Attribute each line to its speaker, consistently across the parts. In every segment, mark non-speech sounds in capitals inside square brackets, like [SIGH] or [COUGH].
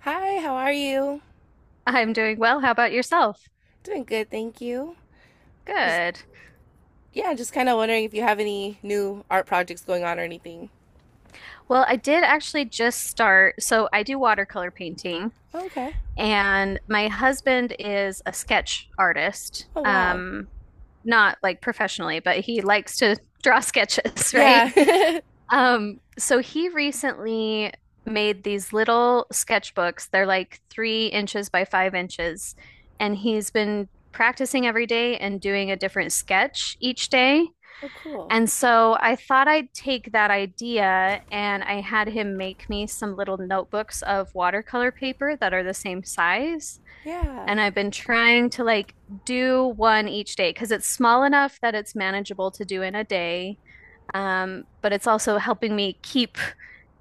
Speaker 1: Hi, how are you?
Speaker 2: I'm doing well. How about yourself?
Speaker 1: Doing good, thank you. Was,
Speaker 2: Good.
Speaker 1: yeah, just kind of wondering if you have any new art projects going on or anything.
Speaker 2: Well, I did actually just start. So I do watercolor painting,
Speaker 1: Oh, okay.
Speaker 2: and my husband is a sketch artist.
Speaker 1: Oh, wow.
Speaker 2: Not like professionally, but he likes to draw sketches, [LAUGHS] right?
Speaker 1: Yeah. [LAUGHS]
Speaker 2: So he recently made these little sketchbooks. They're like 3 inches by 5 inches, and he's been practicing every day and doing a different sketch each day.
Speaker 1: Oh, cool.
Speaker 2: And so I thought I'd take that idea and I had him make me some little notebooks of watercolor paper that are the same size.
Speaker 1: Yeah.
Speaker 2: And I've been trying to like do one each day because it's small enough that it's manageable to do in a day. But it's also helping me keep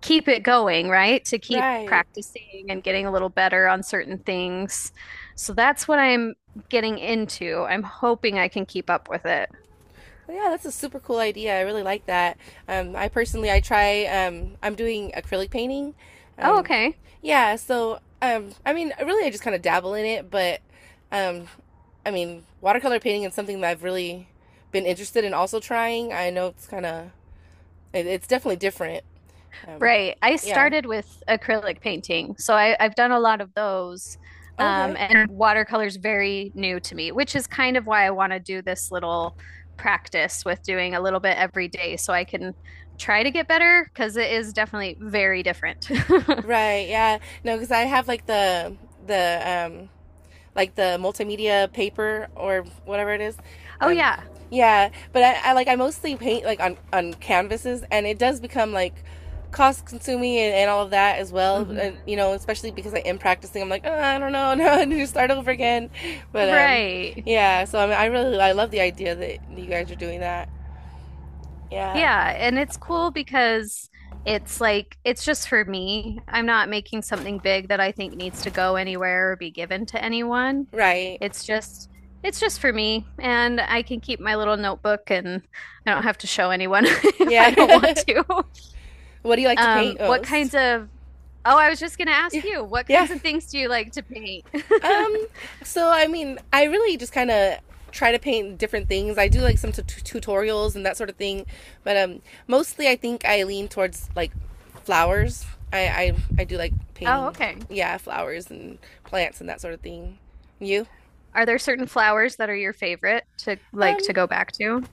Speaker 2: keep it going, right? To keep
Speaker 1: Right.
Speaker 2: practicing and getting a little better on certain things. So that's what I'm getting into. I'm hoping I can keep up with it.
Speaker 1: Well, yeah, that's a super cool idea. I really like that. I personally, I'm doing acrylic painting.
Speaker 2: Oh,
Speaker 1: Um,
Speaker 2: okay.
Speaker 1: yeah, I mean, really, I just kind of dabble in it, um, I mean, watercolor painting is something that I've really been interested in also trying. I know it's kind of it's definitely different. Um,
Speaker 2: Right. I
Speaker 1: yeah.
Speaker 2: started with acrylic painting, so I've done a lot of those.
Speaker 1: Okay.
Speaker 2: And watercolor is very new to me, which is kind of why I want to do this little practice with doing a little bit every day so I can try to get better because it is definitely very different. [LAUGHS]
Speaker 1: Right. Yeah. No, because I have like the like the multimedia paper or whatever it is.
Speaker 2: Oh,
Speaker 1: Um,
Speaker 2: yeah.
Speaker 1: yeah. But I mostly paint like on canvases, and it does become like cost consuming and all of that as well. And
Speaker 2: Hmm.
Speaker 1: especially because I am practicing, I'm like, oh, I don't know, [LAUGHS] no, I need to start over again. But
Speaker 2: Right.
Speaker 1: yeah. So I mean, I really I love the idea that you guys are doing that. Yeah.
Speaker 2: Yeah, and it's cool because it's like it's just for me. I'm not making something big that I think needs to go anywhere or be given to anyone.
Speaker 1: Right.
Speaker 2: It's just it's just for me and I can keep my little notebook and I don't have to show anyone [LAUGHS] if I
Speaker 1: Yeah.
Speaker 2: don't want to.
Speaker 1: [LAUGHS] what do you like to paint
Speaker 2: What
Speaker 1: most?
Speaker 2: kinds of Oh, I was just going to ask
Speaker 1: Yeah.
Speaker 2: you, what
Speaker 1: Yeah.
Speaker 2: kinds of things do you like to paint? [LAUGHS]
Speaker 1: Um, so I mean, I really just kind of try to paint different things. I do like some tutorials and that sort of thing, but mostly I think I lean towards like flowers. I, I do like
Speaker 2: Oh,
Speaker 1: painting,
Speaker 2: okay.
Speaker 1: yeah, flowers and plants and that sort of thing. You?
Speaker 2: Are there certain flowers that are your favorite to like
Speaker 1: Um,
Speaker 2: to go back to?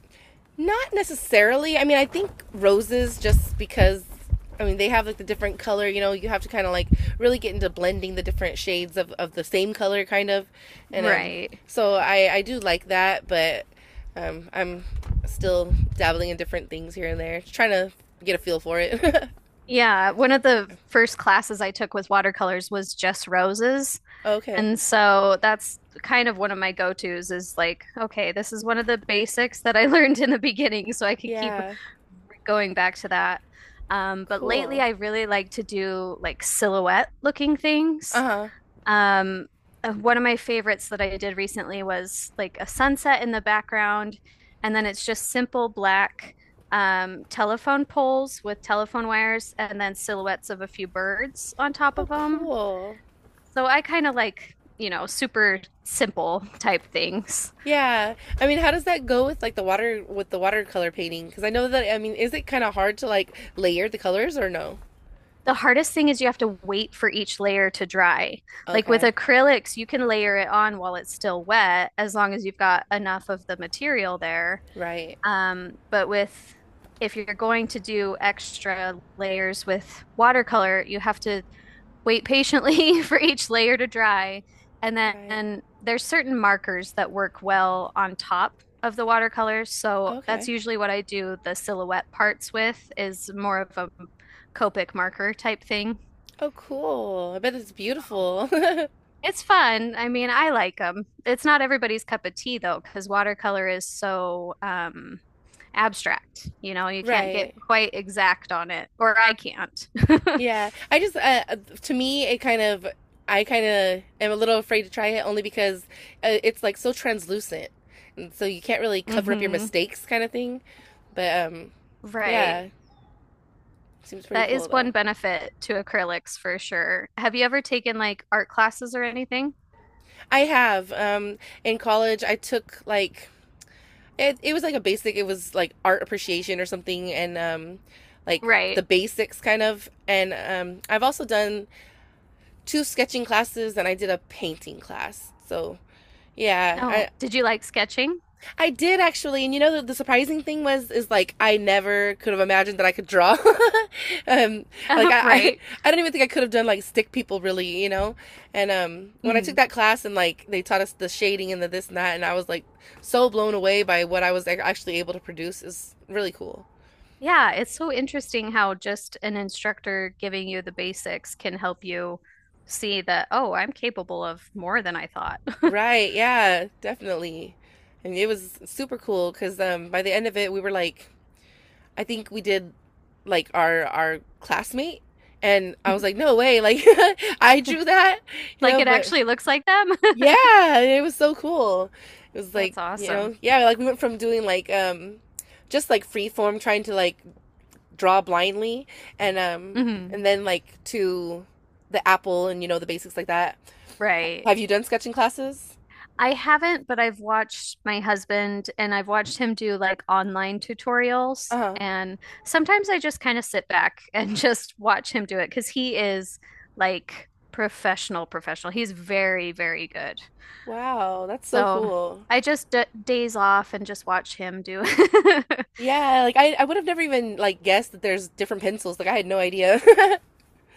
Speaker 1: Not necessarily. I mean, I think roses just because I mean they have like the different color, you have to kind of like really get into blending the different shades of the same color kind of. And
Speaker 2: Right.
Speaker 1: so I do like that, but I'm still dabbling in different things here and there, just trying to get a feel for it.
Speaker 2: Yeah, one of the first classes I took with watercolors was just roses.
Speaker 1: [LAUGHS] okay.
Speaker 2: And so that's kind of one of my go-tos is like, okay, this is one of the basics that I [LAUGHS] learned in the beginning, so I could keep
Speaker 1: Yeah.
Speaker 2: going back to that. But lately
Speaker 1: Cool.
Speaker 2: I really like to do like silhouette looking things.
Speaker 1: Uh-huh.
Speaker 2: Um, One of my favorites that I did recently was like a sunset in the background, and then it's just simple black telephone poles with telephone wires and then silhouettes of a few birds on top
Speaker 1: Oh,
Speaker 2: of them.
Speaker 1: cool.
Speaker 2: So I kind of like, you know, super simple type things.
Speaker 1: Yeah. I mean, how does that go with like the water with the watercolor painting? Because I know that I mean, is it kind of hard to like layer the colors or no?
Speaker 2: The hardest thing is you have to wait for each layer to dry. Like with
Speaker 1: Okay.
Speaker 2: acrylics, you can layer it on while it's still wet as long as you've got enough of the material there.
Speaker 1: Right.
Speaker 2: But with if you're going to do extra layers with watercolor, you have to wait patiently [LAUGHS] for each layer to dry. And then
Speaker 1: Right.
Speaker 2: and there's certain markers that work well on top of the watercolors. So that's
Speaker 1: Okay.
Speaker 2: usually what I do the silhouette parts with is more of a Copic marker type thing.
Speaker 1: Oh, cool. I bet it's beautiful. [LAUGHS]
Speaker 2: It's fun. I mean, I like them. It's not everybody's cup of tea though, because watercolor is so abstract. You know, you can't get
Speaker 1: Right.
Speaker 2: quite exact on it, or I can't.
Speaker 1: Yeah. I just to me it kind of I kind of am a little afraid to try it only because it's like so translucent. And so you can't really
Speaker 2: [LAUGHS]
Speaker 1: cover up your
Speaker 2: Hmm.
Speaker 1: mistakes kind of thing. But
Speaker 2: Right.
Speaker 1: yeah, seems pretty
Speaker 2: That
Speaker 1: cool
Speaker 2: is
Speaker 1: though.
Speaker 2: one benefit to acrylics for sure. Have you ever taken like art classes or anything?
Speaker 1: I have. In college, I took like it was like a basic. It was like art appreciation or something, and like
Speaker 2: Right.
Speaker 1: the basics kind of. And I've also done two sketching classes, and I did a painting class. So yeah,
Speaker 2: Oh,
Speaker 1: I,
Speaker 2: did you like sketching?
Speaker 1: I did actually, and you know the surprising thing was is like I never could have imagined that I could draw. [LAUGHS] um, like
Speaker 2: [LAUGHS] Right.
Speaker 1: I don't even think I could have done like stick people really, you know. And when I took that class and like they taught us the shading and the this and that, and I was like so blown away by what I was actually able to produce. Is really cool.
Speaker 2: Yeah, it's so interesting how just an instructor giving you the basics can help you see that, oh, I'm capable of more than I thought. [LAUGHS]
Speaker 1: Right? Yeah, definitely. And it was super cool because by the end of it, we were like I think we did like our classmate and I was like,
Speaker 2: Mhm.
Speaker 1: no way, like [LAUGHS] I drew that, you
Speaker 2: Like
Speaker 1: know,
Speaker 2: it
Speaker 1: but
Speaker 2: actually looks like them. [LAUGHS]
Speaker 1: yeah, it was so cool. It was like,
Speaker 2: That's
Speaker 1: you know,
Speaker 2: awesome.
Speaker 1: yeah, like we went from doing like just like free form trying to like draw blindly and um
Speaker 2: Hmm.
Speaker 1: and then like to the apple and you know the basics like that.
Speaker 2: Right.
Speaker 1: Have you done sketching classes?
Speaker 2: I haven't, but I've watched my husband and I've watched him do like online tutorials.
Speaker 1: Uh-huh.
Speaker 2: And sometimes I just kind of sit back and [LAUGHS] just watch him do it because he is like professional, professional. He's very, very good.
Speaker 1: Wow, that's so
Speaker 2: So
Speaker 1: cool.
Speaker 2: I just d days off and just watch him do it. [LAUGHS]
Speaker 1: Yeah, like I would have never even like guessed that there's different pencils. Like I had no idea. [LAUGHS]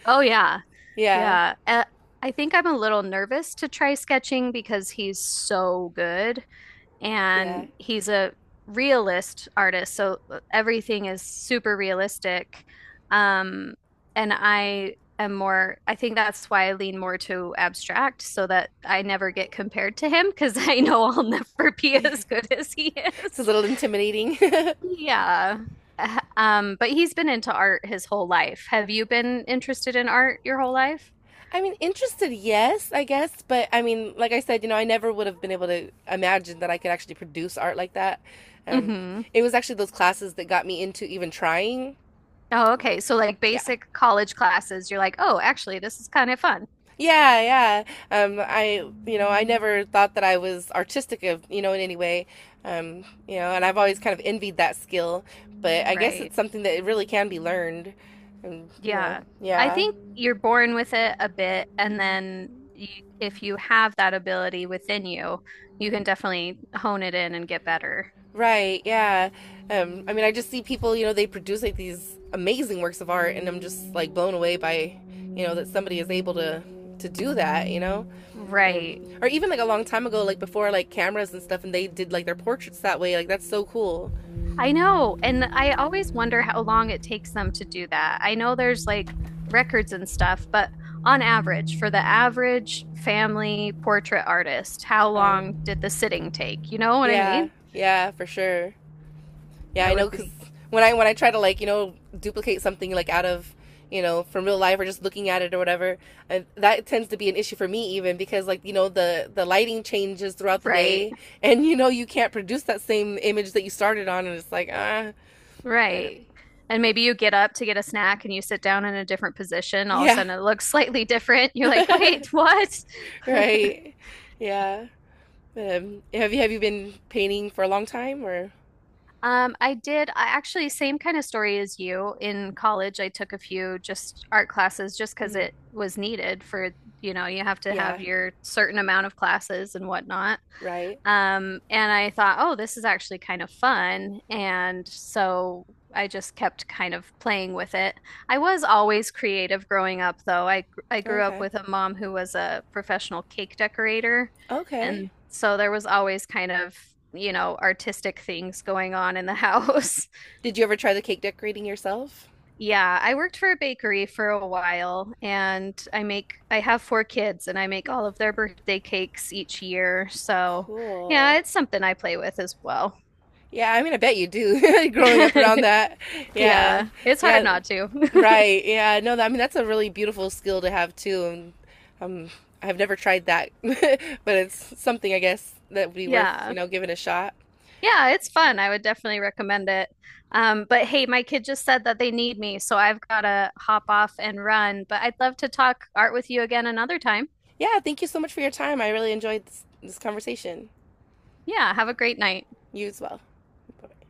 Speaker 2: Oh, yeah.
Speaker 1: Yeah,
Speaker 2: Yeah. I think I'm a little nervous to try sketching because he's so good
Speaker 1: yeah.
Speaker 2: and he's a realist artist. So everything is super realistic. Um, and I am more, I think that's why I lean more to abstract so that I never get compared to him because [LAUGHS] I know I'll never be as
Speaker 1: [LAUGHS]
Speaker 2: good as he
Speaker 1: It's a
Speaker 2: is.
Speaker 1: little intimidating.
Speaker 2: Yeah. [LAUGHS] But he's been into art his whole life. Have you been interested in art your whole life?
Speaker 1: [LAUGHS] I mean, interested, yes, I guess, but I mean, like I said, you know, I never would have been able to imagine that I could actually produce art like that. Um,
Speaker 2: Mm-hmm.
Speaker 1: it was actually those classes that got me into even trying.
Speaker 2: Oh, okay. So like
Speaker 1: Yeah.
Speaker 2: basic college classes, you're like, oh, actually, this is kind of fun.
Speaker 1: Yeah, yeah. You know, I never thought that I was artistic of, you know, in any way. You know, and I've always kind of envied that skill, but I guess
Speaker 2: Right.
Speaker 1: it's something that it really can be learned. And you know,
Speaker 2: Yeah. I
Speaker 1: yeah.
Speaker 2: think you're born with it a bit, and then you, if you have that ability within you, you can definitely hone it in and get better.
Speaker 1: Right, yeah. I mean, I just see people, you know, they produce like these amazing works of art, and I'm just like blown away by, you know, that somebody is able to do that, or,
Speaker 2: Right.
Speaker 1: or even like a long time ago, like before like cameras and stuff, and they did like their portraits that way. Like that's so cool.
Speaker 2: I know. And I always wonder how long it takes them to do that. I know there's like records and stuff, but on average, for the average family portrait artist, how
Speaker 1: Right.
Speaker 2: long did the sitting take? You know what I
Speaker 1: Yeah.
Speaker 2: mean?
Speaker 1: Yeah, for sure. Yeah,
Speaker 2: It
Speaker 1: I know
Speaker 2: would
Speaker 1: because
Speaker 2: be
Speaker 1: when I try to like you know duplicate something like out of you know from real life or just looking at it or whatever, and that tends to be an issue for me even because like you know the lighting changes throughout the
Speaker 2: right,
Speaker 1: day [LAUGHS] and you know you can't produce that same image that you started on and it's like ah but
Speaker 2: right. And maybe you get up to get a snack and you sit down in a different position. All of a
Speaker 1: yeah
Speaker 2: sudden, it looks [LAUGHS] slightly different. You're like, wait,
Speaker 1: [LAUGHS]
Speaker 2: what?
Speaker 1: right yeah have you been painting for a long time or
Speaker 2: I actually, same kind of story as you. In college, I took a few just art classes just because
Speaker 1: Mhm.
Speaker 2: it was needed for, you know, you have to have
Speaker 1: yeah
Speaker 2: your certain amount of classes and whatnot.
Speaker 1: right
Speaker 2: And I thought, oh, this is actually kind of fun. And so I just kept kind of playing with it. I was always creative growing up, though. I grew up
Speaker 1: okay
Speaker 2: with a mom who was a professional cake decorator,
Speaker 1: okay
Speaker 2: and so there was always kind of, you know, artistic things going on in the house. [LAUGHS]
Speaker 1: did you ever try the cake decorating yourself
Speaker 2: Yeah, I worked for a bakery for a while, and I have 4 kids, and I make all of their birthday cakes each year. So,
Speaker 1: cool
Speaker 2: yeah, it's something I play with as well.
Speaker 1: Yeah, I mean, I bet you do. [LAUGHS] Growing up around
Speaker 2: [LAUGHS]
Speaker 1: that, yeah,
Speaker 2: Yeah, it's hard
Speaker 1: yeah,
Speaker 2: not to. [LAUGHS]
Speaker 1: right, yeah. No, that, I mean that's a really beautiful skill to have too. And um, I've never tried that, [LAUGHS] but it's something I guess that would be worth you
Speaker 2: Yeah.
Speaker 1: know giving a shot.
Speaker 2: Yeah, it's fun. I would definitely recommend it. But hey, my kid just said that they need me, so I've got to hop off and run. But I'd love to talk art with you again another time.
Speaker 1: Yeah, thank you so much for your time. I really enjoyed this conversation.
Speaker 2: Yeah, have a great night.
Speaker 1: You as well. Bye-bye.